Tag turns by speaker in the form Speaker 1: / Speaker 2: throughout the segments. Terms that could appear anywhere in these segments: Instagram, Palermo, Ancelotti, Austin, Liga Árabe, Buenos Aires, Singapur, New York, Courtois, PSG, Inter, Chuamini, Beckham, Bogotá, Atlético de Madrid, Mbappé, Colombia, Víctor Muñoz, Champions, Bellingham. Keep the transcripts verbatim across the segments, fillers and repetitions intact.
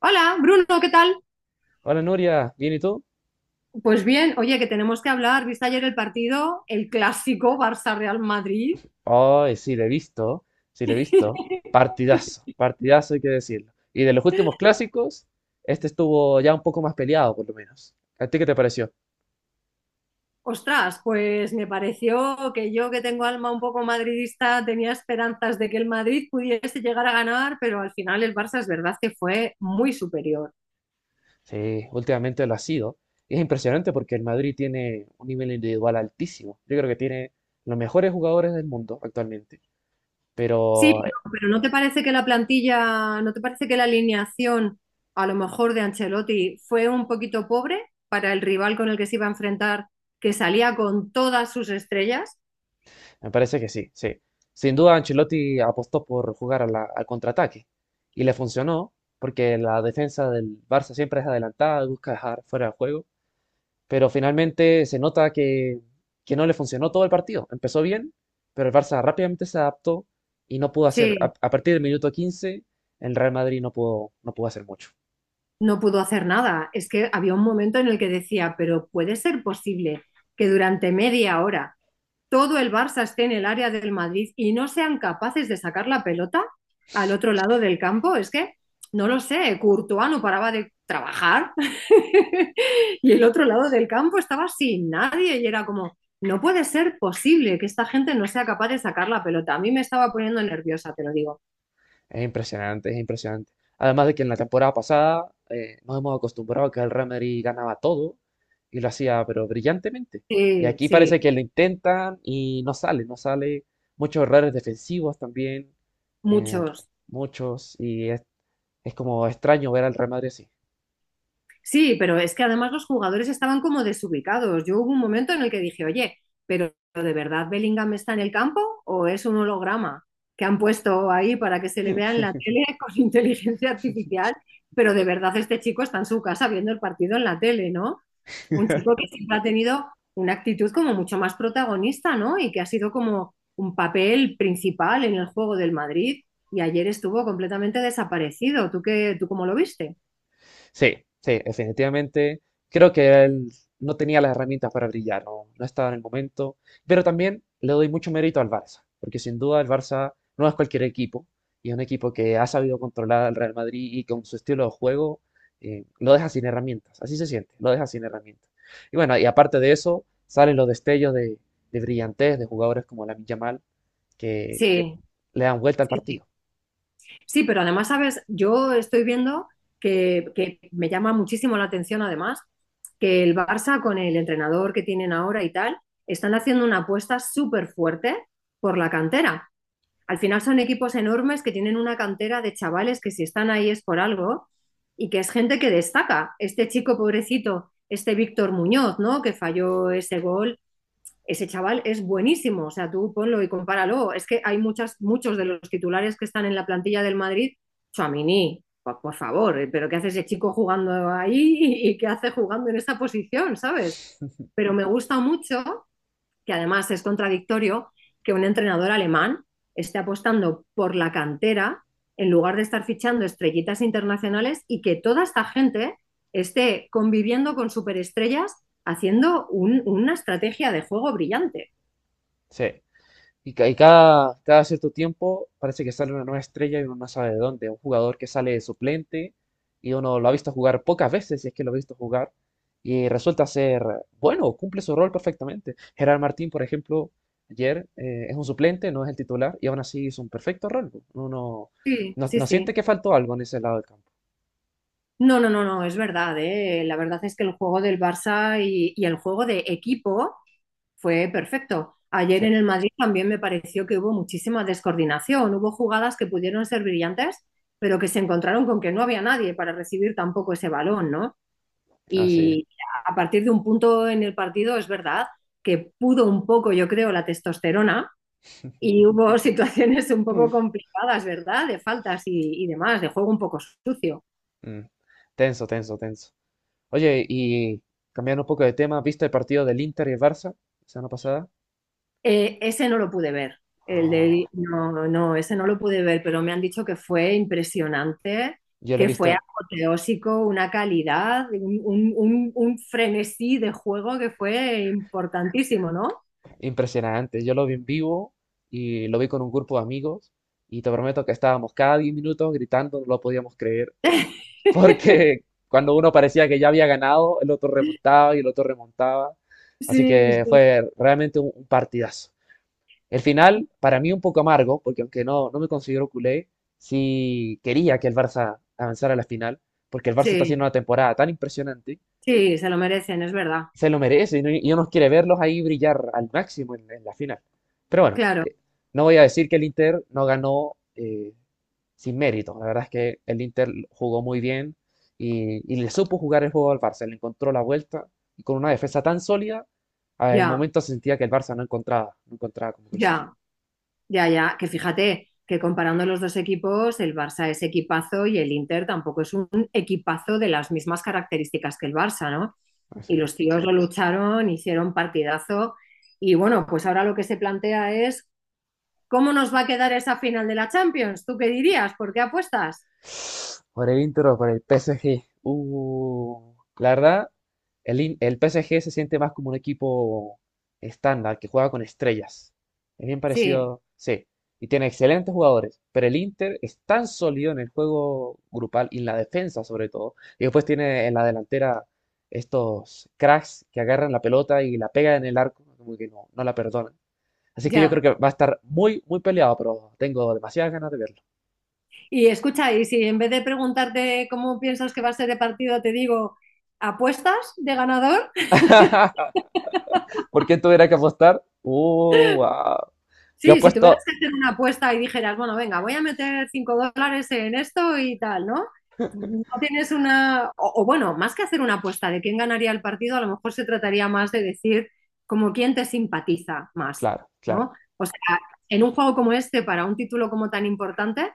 Speaker 1: Hola, Bruno, ¿qué tal?
Speaker 2: Hola Nuria, ¿bien y tú?
Speaker 1: Pues bien, oye, que tenemos que hablar. ¿Viste ayer el partido, el clásico Barça-Real Madrid?
Speaker 2: Ay, sí, le he visto, sí, le he visto. Partidazo, partidazo hay que decirlo. Y de los últimos clásicos, este estuvo ya un poco más peleado, por lo menos. ¿A ti qué te pareció?
Speaker 1: Ostras, pues me pareció que yo que tengo alma un poco madridista tenía esperanzas de que el Madrid pudiese llegar a ganar, pero al final el Barça es verdad que fue muy superior.
Speaker 2: Sí, últimamente lo ha sido. Y es impresionante porque el Madrid tiene un nivel individual altísimo. Yo creo que tiene los mejores jugadores del mundo actualmente.
Speaker 1: Sí,
Speaker 2: Pero.
Speaker 1: pero, pero ¿no te parece que la plantilla, no te parece que la alineación a lo mejor de Ancelotti fue un poquito pobre para el rival con el que se iba a enfrentar, que salía con todas sus estrellas?
Speaker 2: Me parece que sí, sí. Sin duda, Ancelotti apostó por jugar a la- al contraataque y le funcionó porque la defensa del Barça siempre es adelantada, busca dejar fuera de juego, pero finalmente se nota que, que no le funcionó todo el partido. Empezó bien, pero el Barça rápidamente se adaptó y no pudo hacer,
Speaker 1: Sí,
Speaker 2: a, a partir del minuto quince, el Real Madrid no pudo, no pudo hacer mucho.
Speaker 1: no pudo hacer nada. Es que había un momento en el que decía, pero puede ser posible que durante media hora todo el Barça esté en el área del Madrid y no sean capaces de sacar la pelota al otro lado del campo. Es que no lo sé, Courtois no paraba de trabajar, y el otro lado del campo estaba sin nadie y era como, no puede ser posible que esta gente no sea capaz de sacar la pelota. A mí me estaba poniendo nerviosa, te lo digo.
Speaker 2: Es impresionante, es impresionante. Además de que en la temporada pasada eh, nos hemos acostumbrado a que el Real Madrid ganaba todo y lo hacía pero brillantemente. Y
Speaker 1: Sí,
Speaker 2: aquí
Speaker 1: sí,
Speaker 2: parece que lo intentan y no sale, no sale. Muchos errores defensivos también, eh,
Speaker 1: muchos.
Speaker 2: muchos. Y es, es como extraño ver al Real Madrid así.
Speaker 1: Sí, pero es que además los jugadores estaban como desubicados. Yo hubo un momento en el que dije, oye, pero ¿de verdad Bellingham está en el campo o es un holograma que han puesto ahí para que se le vea en la tele con inteligencia artificial? Pero de verdad este chico está en su casa viendo el partido en la tele, ¿no? Un chico que siempre ha tenido una actitud como mucho más protagonista, ¿no? Y que ha sido como un papel principal en el juego del Madrid y ayer estuvo completamente desaparecido. ¿Tú qué, tú cómo lo viste?
Speaker 2: Sí, sí, definitivamente. Creo que él no tenía las herramientas para brillar, no, no estaba en el momento. Pero también le doy mucho mérito al Barça, porque sin duda el Barça no es cualquier equipo, y es un equipo que ha sabido controlar al Real Madrid y con su estilo de juego eh, lo deja sin herramientas. Así se siente, lo deja sin herramientas. Y bueno, y aparte de eso, salen los destellos de, de brillantez de jugadores como Lamine Yamal que
Speaker 1: Sí,
Speaker 2: le dan vuelta al
Speaker 1: sí, sí.
Speaker 2: partido.
Speaker 1: Sí, pero además, sabes, yo estoy viendo que, que me llama muchísimo la atención, además, que el Barça con el entrenador que tienen ahora y tal, están haciendo una apuesta súper fuerte por la cantera. Al final son equipos enormes que tienen una cantera de chavales que si están ahí es por algo y que es gente que destaca. Este chico pobrecito, este Víctor Muñoz, ¿no? Que falló ese gol, ese chaval es buenísimo, o sea, tú ponlo y compáralo. Es que hay muchas, muchos de los titulares que están en la plantilla del Madrid, Chuamini, por, por favor, eh, pero ¿qué hace ese chico jugando ahí y qué hace jugando en esa posición, sabes? Pero me gusta mucho que además es contradictorio que un entrenador alemán esté apostando por la cantera en lugar de estar fichando estrellitas internacionales y que toda esta gente esté conviviendo con superestrellas haciendo un- una estrategia de juego brillante.
Speaker 2: Sí. Y, ca- y cada, cada cierto tiempo parece que sale una nueva estrella y uno no sabe de dónde. Un jugador que sale de suplente y uno lo ha visto jugar pocas veces, si es que lo ha visto jugar, y resulta ser bueno, cumple su rol perfectamente. Gerard Martín, por ejemplo, ayer eh, es un suplente, no es el titular, y aún así hizo un perfecto rol. Uno
Speaker 1: Sí,
Speaker 2: no,
Speaker 1: sí,
Speaker 2: no
Speaker 1: sí.
Speaker 2: siente que faltó algo en ese lado del campo.
Speaker 1: No, no, no, no, es verdad, ¿eh? La verdad es que el juego del Barça y, y el juego de equipo fue perfecto. Ayer
Speaker 2: Sí,
Speaker 1: en el Madrid también me pareció que hubo muchísima descoordinación. Hubo jugadas que pudieron ser brillantes, pero que se encontraron con que no había nadie para recibir tampoco ese balón, ¿no?
Speaker 2: así es.
Speaker 1: Y a partir de un punto en el partido es verdad que pudo un poco, yo creo, la testosterona y hubo situaciones un poco
Speaker 2: Mm.
Speaker 1: complicadas, ¿verdad? De faltas y, y demás, de juego un poco sucio.
Speaker 2: Mm. Tenso, tenso, tenso. Oye, y cambiando un poco de tema, ¿viste el partido del Inter y el Barça la semana pasada?
Speaker 1: Eh, ese no lo pude ver. El
Speaker 2: Oh,
Speaker 1: de, no, no, ese no lo pude ver, pero me han dicho que fue impresionante,
Speaker 2: yo lo he
Speaker 1: que fue
Speaker 2: visto
Speaker 1: apoteósico, una calidad, un, un- un- un frenesí de juego que fue importantísimo, ¿no?
Speaker 2: impresionante. Yo lo vi en vivo y lo vi con un grupo de amigos y te prometo que estábamos cada diez minutos gritando, no lo podíamos creer, porque cuando uno parecía que ya había ganado, el otro remontaba y el otro remontaba. Así
Speaker 1: Sí,
Speaker 2: que
Speaker 1: sí.
Speaker 2: fue realmente un, un partidazo. El final, para mí, un poco amargo, porque aunque no, no me considero culé, sí quería que el Barça avanzara a la final, porque el Barça está haciendo
Speaker 1: Sí,
Speaker 2: una temporada tan impresionante.
Speaker 1: sí, se lo merecen, es verdad.
Speaker 2: Se lo merece y, no- y uno quiere verlos ahí brillar al máximo en, en la final. Pero bueno,
Speaker 1: Claro,
Speaker 2: eh, no voy a decir que el Inter no ganó eh, sin mérito. La verdad es que el Inter jugó muy bien y, y le supo jugar el juego al Barça, le encontró la vuelta y con una defensa tan sólida, ah, en
Speaker 1: ya,
Speaker 2: momentos sentía que el Barça no encontraba, no encontraba cómo cruzar.
Speaker 1: ya. Ya, ya, que fíjate que comparando los dos equipos, el Barça es equipazo y el Inter tampoco es un equipazo de las mismas características que el Barça, ¿no?
Speaker 2: Así
Speaker 1: Y los
Speaker 2: es.
Speaker 1: tíos lo lucharon, hicieron partidazo y bueno, pues ahora lo que se plantea es ¿cómo nos va a quedar esa final de la Champions? ¿Tú qué dirías? ¿Por qué apuestas?
Speaker 2: Por el Inter o por el P S G. Uh, la verdad, el, In- el P S G se siente más como un equipo estándar que juega con estrellas. Es bien
Speaker 1: Sí,
Speaker 2: parecido, sí. Y tiene excelentes jugadores, pero el Inter es tan sólido en el juego grupal y en la defensa sobre todo. Y después tiene en la delantera estos cracks que agarran la pelota y la pegan en el arco, como que no, no la perdonan. Así que yo creo
Speaker 1: ya.
Speaker 2: que va a estar muy, muy peleado, pero tengo demasiadas ganas de verlo.
Speaker 1: Y escucha, y si en vez de preguntarte cómo piensas que va a ser el partido, te digo, ¿apuestas de ganador?
Speaker 2: ¿Por qué tuviera que apostar? Uh, wow. Yo
Speaker 1: Sí, si tuvieras
Speaker 2: apuesto,
Speaker 1: que hacer una apuesta y dijeras, bueno, venga, voy a meter cinco dólares en esto y tal, ¿no? No tienes una... O, o bueno, más que hacer una apuesta de quién ganaría el partido, a lo mejor se trataría más de decir como quién te simpatiza más,
Speaker 2: claro, claro.
Speaker 1: ¿no? O sea, en un juego como este, para un título como tan importante,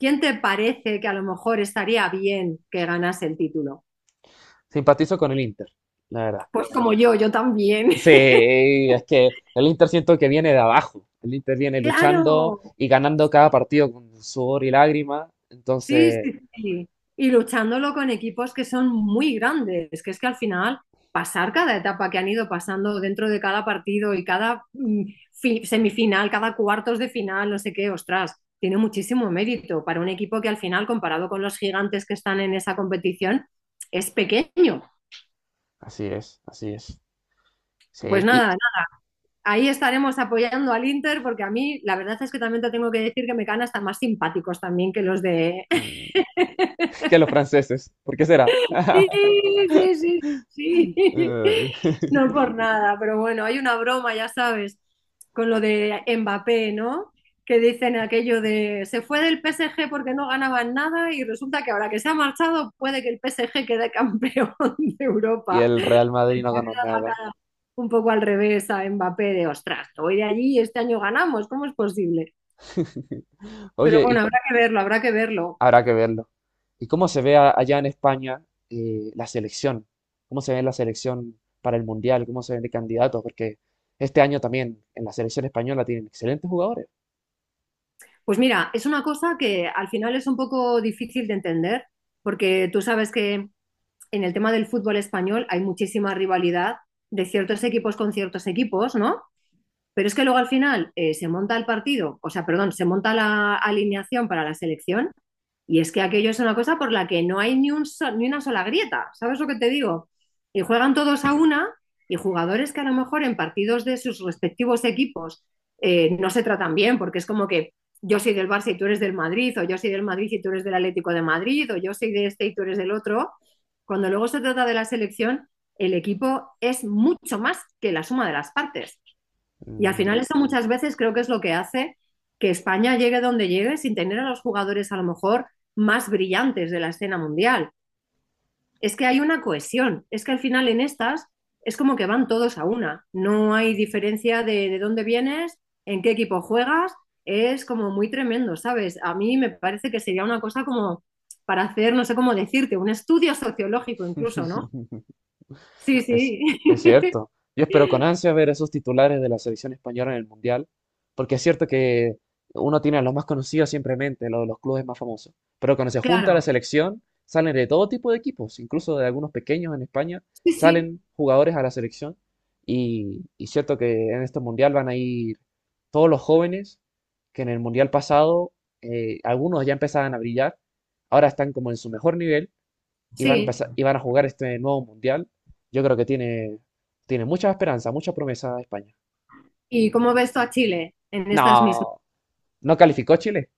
Speaker 1: ¿quién te parece que a lo mejor estaría bien que ganase el título?
Speaker 2: Simpatizo con el Inter, la verdad.
Speaker 1: Pues como yo, yo también.
Speaker 2: Sí, es que el Inter siento que viene de abajo. El Inter viene
Speaker 1: Claro,
Speaker 2: luchando y ganando cada partido con sudor y lágrimas.
Speaker 1: sí,
Speaker 2: Entonces,
Speaker 1: sí, sí. Y luchándolo con equipos que son muy grandes, que es que al final pasar cada etapa que han ido pasando dentro de cada partido y cada mm, fi- semifinal, cada cuartos de final, no sé qué, ostras, tiene muchísimo mérito para un equipo que al final, comparado con los gigantes que están en esa competición, es pequeño.
Speaker 2: así es, así es. Sí,
Speaker 1: Pues nada,
Speaker 2: y
Speaker 1: nada, ahí estaremos apoyando al Inter porque a mí la verdad es que también te tengo que decir que me caen hasta más simpáticos también que los de
Speaker 2: mm, que los franceses, ¿por qué será?
Speaker 1: sí, sí, sí, sí.
Speaker 2: Eh,
Speaker 1: No por nada, pero bueno, hay una broma, ya sabes, con lo de Mbappé, ¿no? Que dicen aquello de se fue del P S G porque no ganaban nada y resulta que ahora que se ha marchado puede que el P S G quede campeón de
Speaker 2: Y
Speaker 1: Europa.
Speaker 2: el Real Madrid no ganó
Speaker 1: La
Speaker 2: nada.
Speaker 1: cara un poco al revés a Mbappé de, ostras, voy de allí y este año ganamos, ¿cómo es posible? Pero bueno,
Speaker 2: Oye,
Speaker 1: habrá que verlo, habrá que verlo.
Speaker 2: habrá que verlo. ¿Y cómo se ve a- allá en España eh, la selección? ¿Cómo se ve la selección para el Mundial? ¿Cómo se ven de candidatos? Porque este año también en la selección española tienen excelentes jugadores.
Speaker 1: Pues mira, es una cosa que al final es un poco difícil de entender, porque tú sabes que en el tema del fútbol español hay muchísima rivalidad de ciertos equipos con ciertos equipos, ¿no? Pero es que luego al final eh, se monta el partido, o sea, perdón, se monta la alineación para la selección y es que aquello es una cosa por la que no hay ni, un so- ni una sola grieta, ¿sabes lo que te digo? Y juegan todos a una y jugadores que a lo mejor en partidos de sus respectivos equipos eh, no se tratan bien, porque es como que yo soy del Barça y tú eres del Madrid, o yo soy del Madrid y tú eres del Atlético de Madrid, o yo soy de este y tú eres del otro. Cuando luego se trata de la selección, el equipo es mucho más que la suma de las partes. Y al
Speaker 2: Ujú.
Speaker 1: final eso muchas veces creo que es lo que hace que España llegue donde llegue sin tener a los jugadores a lo mejor más brillantes de la escena mundial. Es que hay una cohesión, es que al final en estas es como que van todos a una, no hay diferencia de, de dónde vienes, en qué equipo juegas, es como muy tremendo, ¿sabes? A mí me parece que sería una cosa como para hacer, no sé cómo decirte, un estudio sociológico incluso, ¿no? Sí,
Speaker 2: Es,
Speaker 1: sí,
Speaker 2: es cierto. Yo espero con ansia ver esos titulares de la selección española en el Mundial, porque es cierto que uno tiene a los más conocidos simplemente en mente, los, los clubes más famosos. Pero cuando se junta la
Speaker 1: claro,
Speaker 2: selección, salen de todo tipo de equipos, incluso de algunos pequeños en España,
Speaker 1: sí, sí,
Speaker 2: salen jugadores a la selección. Y, y cierto que en este Mundial van a ir todos los jóvenes que en el Mundial pasado, eh, algunos ya empezaban a brillar, ahora están como en su mejor nivel iban a
Speaker 1: sí.
Speaker 2: empezar- y van a jugar este nuevo mundial, yo creo que tiene, tiene mucha esperanza, mucha promesa España.
Speaker 1: ¿Y cómo ves tú a Chile en estas mismas?
Speaker 2: No, no calificó Chile,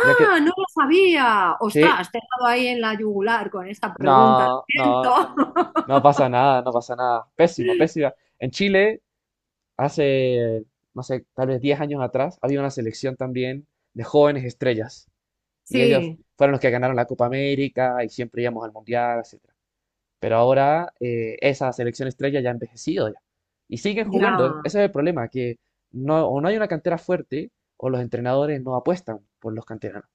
Speaker 2: ya que
Speaker 1: no lo sabía!
Speaker 2: sí,
Speaker 1: ¡Ostras! Te he dado ahí en la yugular con esta pregunta, lo
Speaker 2: no, no,
Speaker 1: siento.
Speaker 2: no pasa nada, no pasa nada. Pésima, pésima. En Chile, hace, no sé, tal vez diez años atrás, había una selección también de jóvenes estrellas y ellos
Speaker 1: Sí,
Speaker 2: fueron los que ganaron la Copa América y siempre íbamos al mundial, etcétera. Pero ahora eh, esa selección estrella ya ha envejecido ya. Y siguen
Speaker 1: ya,
Speaker 2: jugando. E-, Ese es el problema, que no, o no hay una cantera fuerte o los entrenadores no apuestan por los canteranos.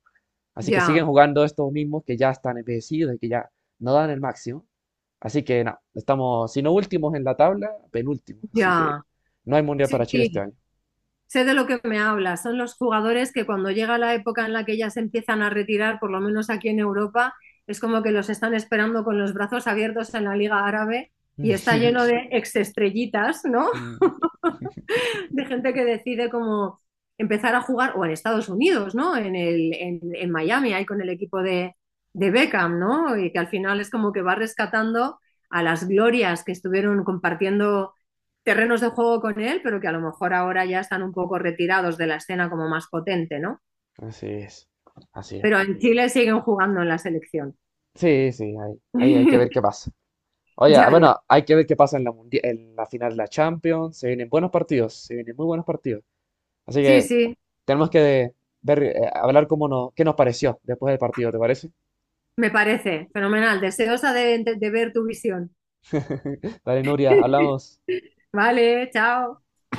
Speaker 2: Así que siguen
Speaker 1: ya,
Speaker 2: jugando estos mismos que ya están envejecidos y que ya no dan el máximo. Así que nada, estamos, si no últimos en la tabla, penúltimos. Así que
Speaker 1: ya.
Speaker 2: no hay mundial para
Speaker 1: Sí,
Speaker 2: Chile este
Speaker 1: sí.
Speaker 2: año.
Speaker 1: Sé de lo que me hablas. Son los jugadores que cuando llega la época en la que ya se empiezan a retirar, por lo menos aquí en Europa, es como que los están esperando con los brazos abiertos en la Liga Árabe y está lleno de exestrellitas, ¿no?
Speaker 2: Mm.
Speaker 1: De gente que decide como empezar a jugar, o en Estados Unidos, ¿no? En, el, en, en Miami, ahí con el equipo de, de Beckham, ¿no? Y que al final es como que va rescatando a las glorias que estuvieron compartiendo terrenos de juego con él, pero que a lo mejor ahora ya están un poco retirados de la escena como más potente, ¿no?
Speaker 2: Así es, así es.
Speaker 1: Pero en Chile siguen jugando en la selección.
Speaker 2: Sí, sí, ahí, ahí hay que ver qué pasa. Oye, ah,
Speaker 1: ya, ya.
Speaker 2: bueno, hay que ver qué pasa en la, mundi- en la final de la Champions. Se vienen buenos partidos, se vienen muy buenos partidos. Así
Speaker 1: Sí,
Speaker 2: que
Speaker 1: sí,
Speaker 2: tenemos que ver, eh, hablar cómo nos, qué nos pareció después del partido, ¿te parece?
Speaker 1: me parece. Fenomenal. Deseosa de, de, de ver tu visión.
Speaker 2: Dale, Nuria, hablamos.
Speaker 1: Vale, chao.